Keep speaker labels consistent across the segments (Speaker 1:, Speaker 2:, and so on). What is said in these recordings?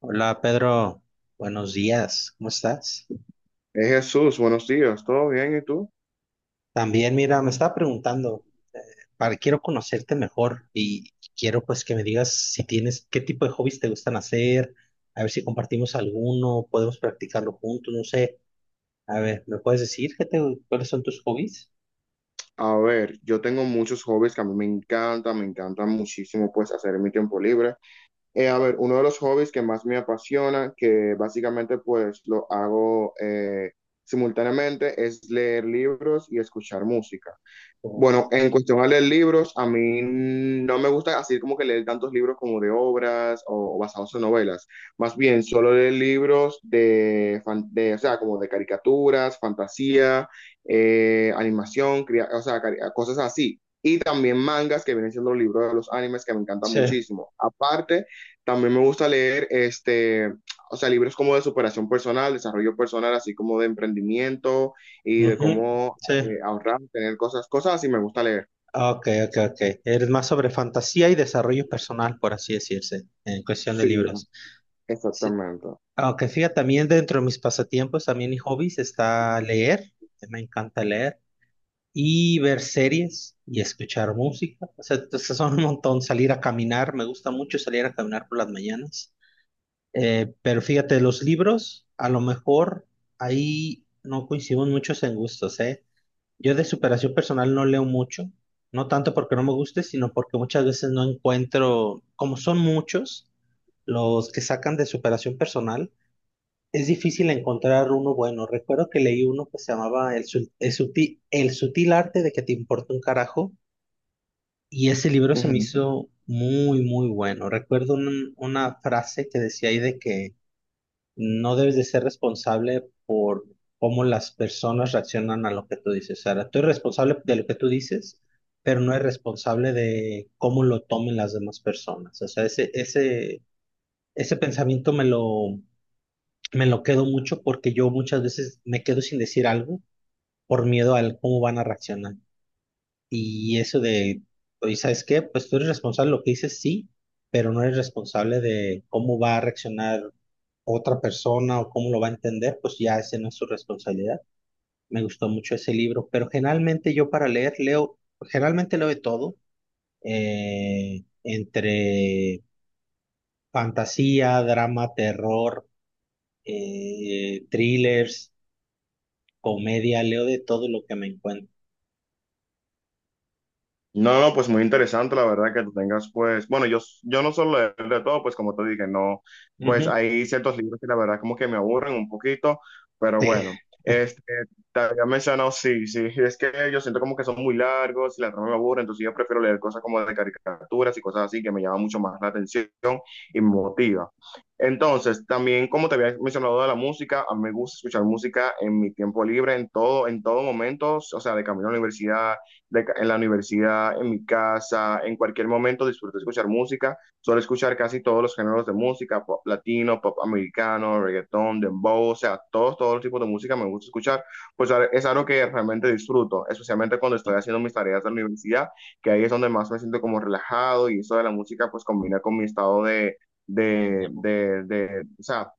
Speaker 1: Hola Pedro, buenos días, ¿cómo estás?
Speaker 2: Jesús, buenos días, ¿todo bien? ¿Y tú?
Speaker 1: También mira, me estaba preguntando, eh, para, quiero conocerte mejor y quiero pues que me digas si tienes, qué tipo de hobbies te gustan hacer, a ver si compartimos alguno, podemos practicarlo juntos, no sé. A ver, ¿me puedes decir qué te, cuáles son tus hobbies?
Speaker 2: A ver, yo tengo muchos hobbies que a mí me encanta muchísimo pues hacer en mi tiempo libre. A ver, uno de los hobbies que más me apasiona, que básicamente pues lo hago simultáneamente, es leer libros y escuchar música.
Speaker 1: O-
Speaker 2: Bueno, en cuestión a leer libros, a mí no me gusta así como que leer tantos libros como de obras o basados en novelas. Más bien, solo leer libros de, de, o sea, como de caricaturas, fantasía, animación, cosas así. Y también mangas, que vienen siendo los libros de los animes, que me encantan
Speaker 1: sí,
Speaker 2: muchísimo. Aparte, también me gusta leer este, o sea, libros como de superación personal, desarrollo personal, así como de emprendimiento y de
Speaker 1: ujú,
Speaker 2: cómo
Speaker 1: sí.
Speaker 2: ahorrar, tener cosas así me gusta leer.
Speaker 1: Ok, ok, ok. Eres más sobre fantasía y desarrollo personal, por así decirse, en cuestión de
Speaker 2: Sí,
Speaker 1: libros. Sí.
Speaker 2: exactamente.
Speaker 1: Aunque fíjate, también dentro de mis pasatiempos, también y hobbies, está leer, que me encanta leer, y ver series y escuchar música. O sea, entonces son un montón, salir a caminar, me gusta mucho salir a caminar por las mañanas. Pero fíjate, los libros, a lo mejor ahí no coincidimos muchos en gustos, ¿eh? Yo de superación personal no leo mucho, no tanto porque no me guste, sino porque muchas veces no encuentro, como son muchos, los que sacan de superación personal es difícil encontrar uno bueno. Recuerdo que leí uno que se llamaba El sutil arte de que te importa un carajo y ese libro se me
Speaker 2: Ujú.
Speaker 1: hizo muy, muy bueno. Recuerdo una frase que decía ahí de que no debes de ser responsable por cómo las personas reaccionan a lo que tú dices. O sea, tú eres responsable de lo que tú dices, pero no eres responsable de cómo lo tomen las demás personas. O sea, ese pensamiento me lo quedo mucho porque yo muchas veces me quedo sin decir algo por miedo al cómo van a reaccionar. Y eso de, oye, ¿sabes qué? Pues tú eres responsable de lo que dices, sí, pero no eres responsable de cómo va a reaccionar otra persona o cómo lo va a entender, pues ya esa no es su responsabilidad. Me gustó mucho ese libro, pero generalmente yo para leer leo, generalmente leo de todo, entre fantasía, drama, terror, thrillers, comedia, leo de todo lo que me encuentro.
Speaker 2: No, no, pues muy interesante, la verdad, que tú tengas, pues, bueno, yo no suelo leer de todo, pues como te dije, no, pues
Speaker 1: Ujú,
Speaker 2: hay ciertos libros que la verdad como que me aburren un poquito, pero
Speaker 1: sí.
Speaker 2: bueno, este, te había mencionado, sí, es que yo siento como que son muy largos y la trama me aburre, entonces yo prefiero leer cosas como de caricaturas y cosas así que me llaman mucho más la atención y me motiva. Entonces, también como te había mencionado de la música, a mí me gusta escuchar música en mi tiempo libre, en todo momento, o sea, de camino a la universidad de, en la universidad, en mi casa, en cualquier momento disfruto escuchar música. Suelo escuchar casi todos los géneros de música, pop latino, pop americano, reggaetón, dembow, o sea, todos los tipos de música me gusta escuchar. Pues es algo que realmente disfruto, especialmente cuando estoy haciendo mis tareas de la universidad, que ahí es donde más me siento como relajado y eso de la música pues combina con mi estado
Speaker 1: Tenemos-
Speaker 2: o sea,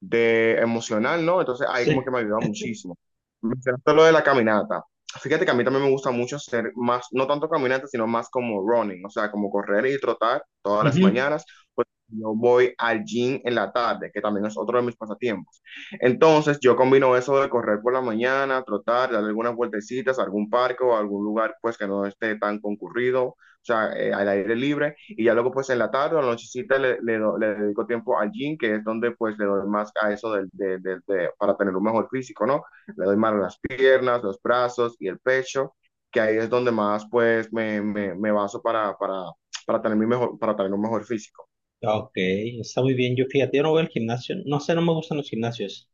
Speaker 2: de emocional, ¿no? Entonces ahí como que
Speaker 1: sí.
Speaker 2: me ayuda muchísimo. Mencionaste lo de la caminata. Fíjate que a mí también me gusta mucho hacer más, no tanto caminata, sino más como running, o sea, como correr y trotar todas las
Speaker 1: Ujú.
Speaker 2: mañanas. Pues yo voy al gym en la tarde, que también es otro de mis pasatiempos. Entonces yo combino eso de correr por la mañana, trotar, dar algunas vueltecitas a algún parque o a algún lugar pues que no esté tan concurrido, o sea, al aire libre y ya luego pues en la tarde o en la nochecita le dedico tiempo al gym, que es donde pues le doy más a eso del de- para tener un mejor físico, ¿no? Le doy más a las piernas, los brazos y el pecho, que ahí es donde más pues me baso para tener para tener un mejor físico.
Speaker 1: Ok, está muy bien. Yo fíjate, yo no voy al gimnasio. No sé, no me gustan los gimnasios.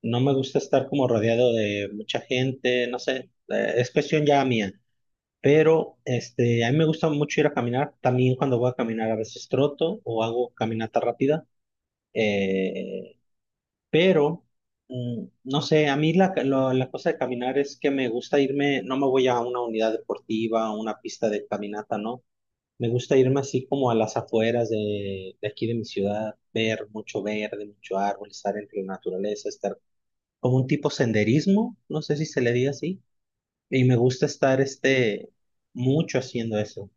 Speaker 1: No me gusta estar como rodeado de mucha gente. No sé, es cuestión ya mía. Pero este, a mí me gusta mucho ir a caminar. También cuando voy a caminar a veces troto o hago caminata rápida. Eh, Pero, mm, no sé, a mí la cosa de caminar es que me gusta irme, no me voy a una unidad deportiva, a una pista de caminata, ¿no? Me gusta irme así como a las afueras de aquí de mi ciudad, ver mucho verde, mucho árbol, estar entre la naturaleza, estar como un tipo senderismo, no sé si se le diga así, y me gusta estar este, mucho haciendo eso.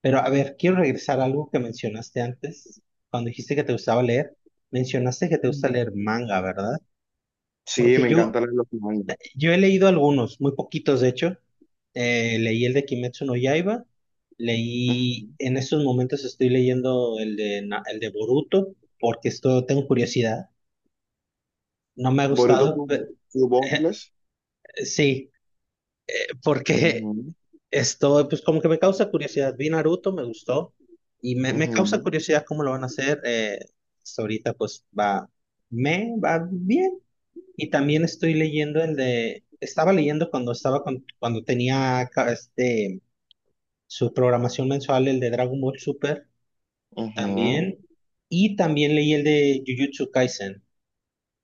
Speaker 1: Pero a ver, quiero regresar a algo que mencionaste antes, cuando dijiste que te gustaba leer, mencionaste que te gusta leer manga, ¿verdad?
Speaker 2: Sí,
Speaker 1: Porque
Speaker 2: me
Speaker 1: yo
Speaker 2: encantan los mangas.
Speaker 1: Yo he leído algunos, muy poquitos de hecho. Leí el de Kimetsu no Yaiba, leí,
Speaker 2: Ujú.
Speaker 1: en estos momentos estoy leyendo el de, el de Boruto, porque esto tengo curiosidad. No me ha
Speaker 2: Boruto
Speaker 1: gustado, pe-
Speaker 2: Suboutles.
Speaker 1: sí, porque
Speaker 2: Ujú,
Speaker 1: esto, pues como que me causa curiosidad. Vi Naruto, me gustó, y me causa
Speaker 2: ujú,
Speaker 1: curiosidad cómo lo van a hacer. Hasta ahorita pues va, me va bien. Y también estoy leyendo el de, estaba leyendo cuando tenía ca- este su programación mensual, el de Dragon Ball Super
Speaker 2: ujú,
Speaker 1: también. Y también leí el de Jujutsu Kaisen.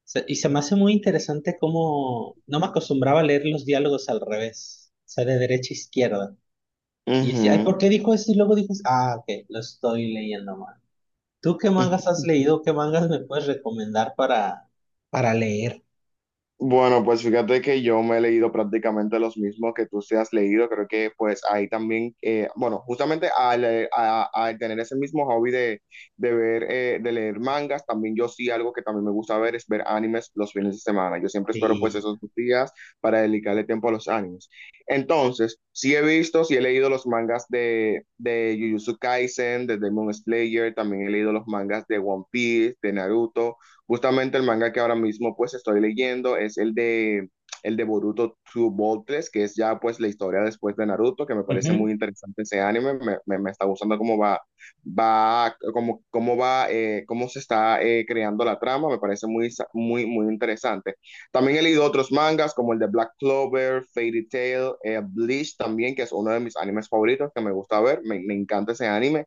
Speaker 1: Se- Y se me hace muy interesante cómo no me acostumbraba a leer los diálogos al revés, o sea, de derecha a izquierda. Y decía, ay, ¿por
Speaker 2: ujú,
Speaker 1: qué dijo esto? Y luego dijo, ah, ok, lo estoy leyendo mal. ¿Tú qué
Speaker 2: Ujú.
Speaker 1: mangas has leído? ¿Qué mangas me puedes recomendar para leer?
Speaker 2: Bueno, pues fíjate que yo me he leído prácticamente los mismos que tú te has leído. Creo que pues ahí también, bueno, justamente al tener ese mismo hobby de ver, de leer mangas, también yo sí algo que también me gusta ver es ver animes los fines de semana. Yo siempre espero pues
Speaker 1: Sí.
Speaker 2: esos dos días para dedicarle tiempo a los animes. Entonces, sí he visto, sí he leído los mangas de Jujutsu Kaisen, de Demon Slayer, también he leído los mangas de One Piece, de Naruto. Justamente el manga que ahora mismo pues estoy leyendo es el de Boruto True Boltless, que es ya pues la historia después de Naruto, que me parece
Speaker 1: Ujú.
Speaker 2: muy interesante ese anime, me está gustando cómo va, cómo se está creando la trama, me parece muy, muy interesante. También he leído otros mangas como el de Black Clover, Fairy Tail, Bleach también, que es uno de mis animes favoritos que me gusta ver, me encanta ese anime.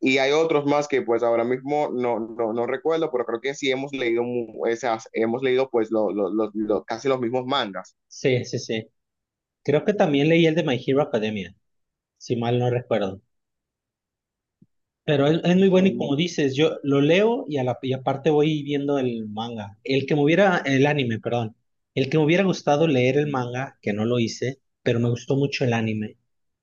Speaker 2: Y hay otros más que pues ahora mismo no recuerdo, pero creo que sí hemos leído, esas, hemos leído pues lo, casi los mismos mangas.
Speaker 1: Sí, sí, sí. Creo que también leí el de My Hero Academia, si mal no recuerdo. Pero es muy bueno y
Speaker 2: Mm.
Speaker 1: como dices, yo lo leo y, a la, y aparte voy viendo el manga. El que me hubiera, el anime, perdón. El que me hubiera gustado leer el manga, que no lo hice, pero me gustó mucho el anime,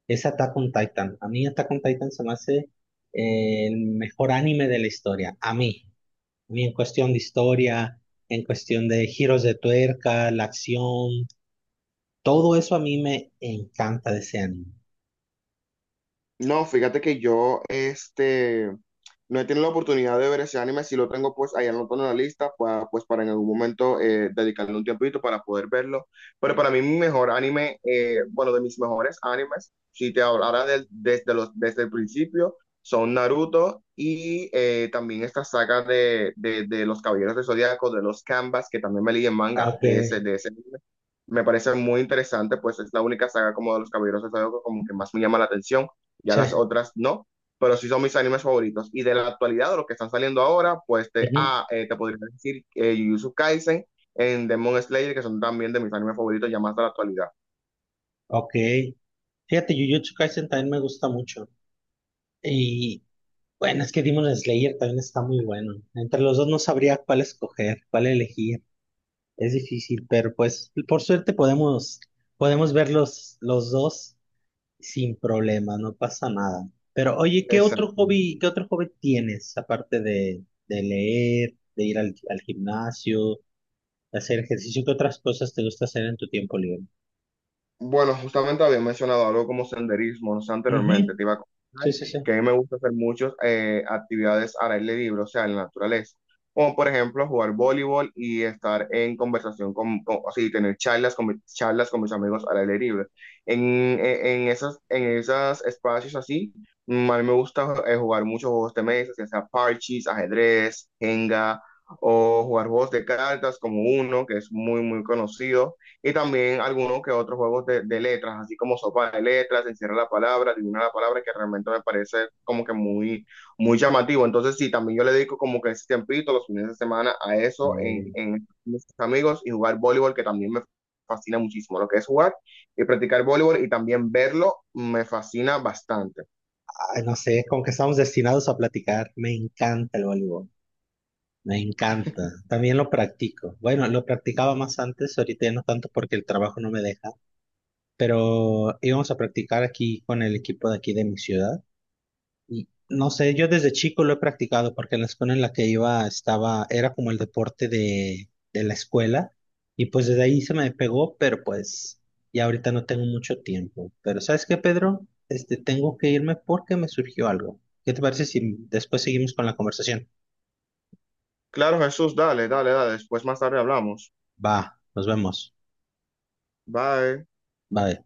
Speaker 1: es Attack on Titan. A mí Attack on Titan se me hace el mejor anime de la historia. A mí. A mí en cuestión de historia, en cuestión de giros de tuerca, la acción, todo eso a mí me encanta de ese anime.
Speaker 2: No, fíjate que yo este, no he tenido la oportunidad de ver ese anime, si lo tengo pues ahí anotado en la lista, pues para en algún momento dedicarle un tiempito para poder verlo, pero para mí mi mejor anime, bueno, de mis mejores animes, si te hablara desde, desde el principio, son Naruto y también esta saga de los Caballeros del Zodiaco, de los Canvas, que también me leí en manga
Speaker 1: Ok.
Speaker 2: de ese anime. Me parece muy interesante, pues es la única saga como de los Caballeros del Zodiaco como que más me llama la atención ya
Speaker 1: Sí.
Speaker 2: las otras no, pero sí son mis animes favoritos. Y de la actualidad, de los que están saliendo ahora, pues
Speaker 1: Ujú.
Speaker 2: te podría decir Jujutsu Kaisen en Demon Slayer, que son también de mis animes favoritos ya más de la actualidad.
Speaker 1: Ok. Fíjate, Jujutsu Kaisen también me gusta mucho. Y bueno, es que Demon Slayer también está muy bueno. Entre los dos no sabría cuál escoger, cuál elegir. Es difícil, pero pues por suerte podemos, podemos ver los dos sin problema, no pasa nada. Pero oye,
Speaker 2: Exacto.
Speaker 1: qué otro hobby tienes aparte de leer, de ir al, al gimnasio, de hacer ejercicio? ¿Qué otras cosas te gusta hacer en tu tiempo libre?
Speaker 2: Bueno, justamente había mencionado algo como senderismo, no sé, anteriormente,
Speaker 1: Ujú.
Speaker 2: te iba a comentar
Speaker 1: Sí, sí,
Speaker 2: que a mí me gusta hacer muchas actividades al aire libre, o sea, en la naturaleza, como por ejemplo jugar voleibol y estar en conversación así, tener charlas charlas con mis amigos al aire libre. En, en esas, en esos espacios así, a mí me gusta jugar muchos juegos de mesa, ya sea parches, ajedrez, jenga, o jugar juegos de cartas como uno, que es muy conocido y también algunos que otros juegos de letras, así como sopa de letras, encierra la palabra, adivina la palabra, que realmente me parece como que muy llamativo. Entonces, sí, también yo le dedico como que ese tiempito, los fines de semana, a eso,
Speaker 1: sí.
Speaker 2: en mis amigos y jugar voleibol, que también me fascina muchísimo. Lo que es jugar y practicar voleibol y también verlo me fascina bastante.
Speaker 1: Ay, no sé, como que estamos destinados a platicar. Me encanta el voleibol, me encanta. También lo practico. Bueno, lo practicaba más antes, ahorita ya no tanto porque el trabajo no me deja, pero íbamos a practicar aquí con el equipo de aquí de mi ciudad. Y no sé, yo desde chico lo he practicado porque en la escuela en la que iba estaba, era como el deporte de la escuela y pues desde ahí se me pegó, pero pues ya ahorita no tengo mucho tiempo. Pero ¿sabes qué, Pedro? Este, tengo que irme porque me surgió algo. ¿Qué te parece si después seguimos con la conversación?
Speaker 2: Claro, Jesús, dale. Después más tarde hablamos.
Speaker 1: Va, nos vemos.
Speaker 2: Bye.
Speaker 1: Bye.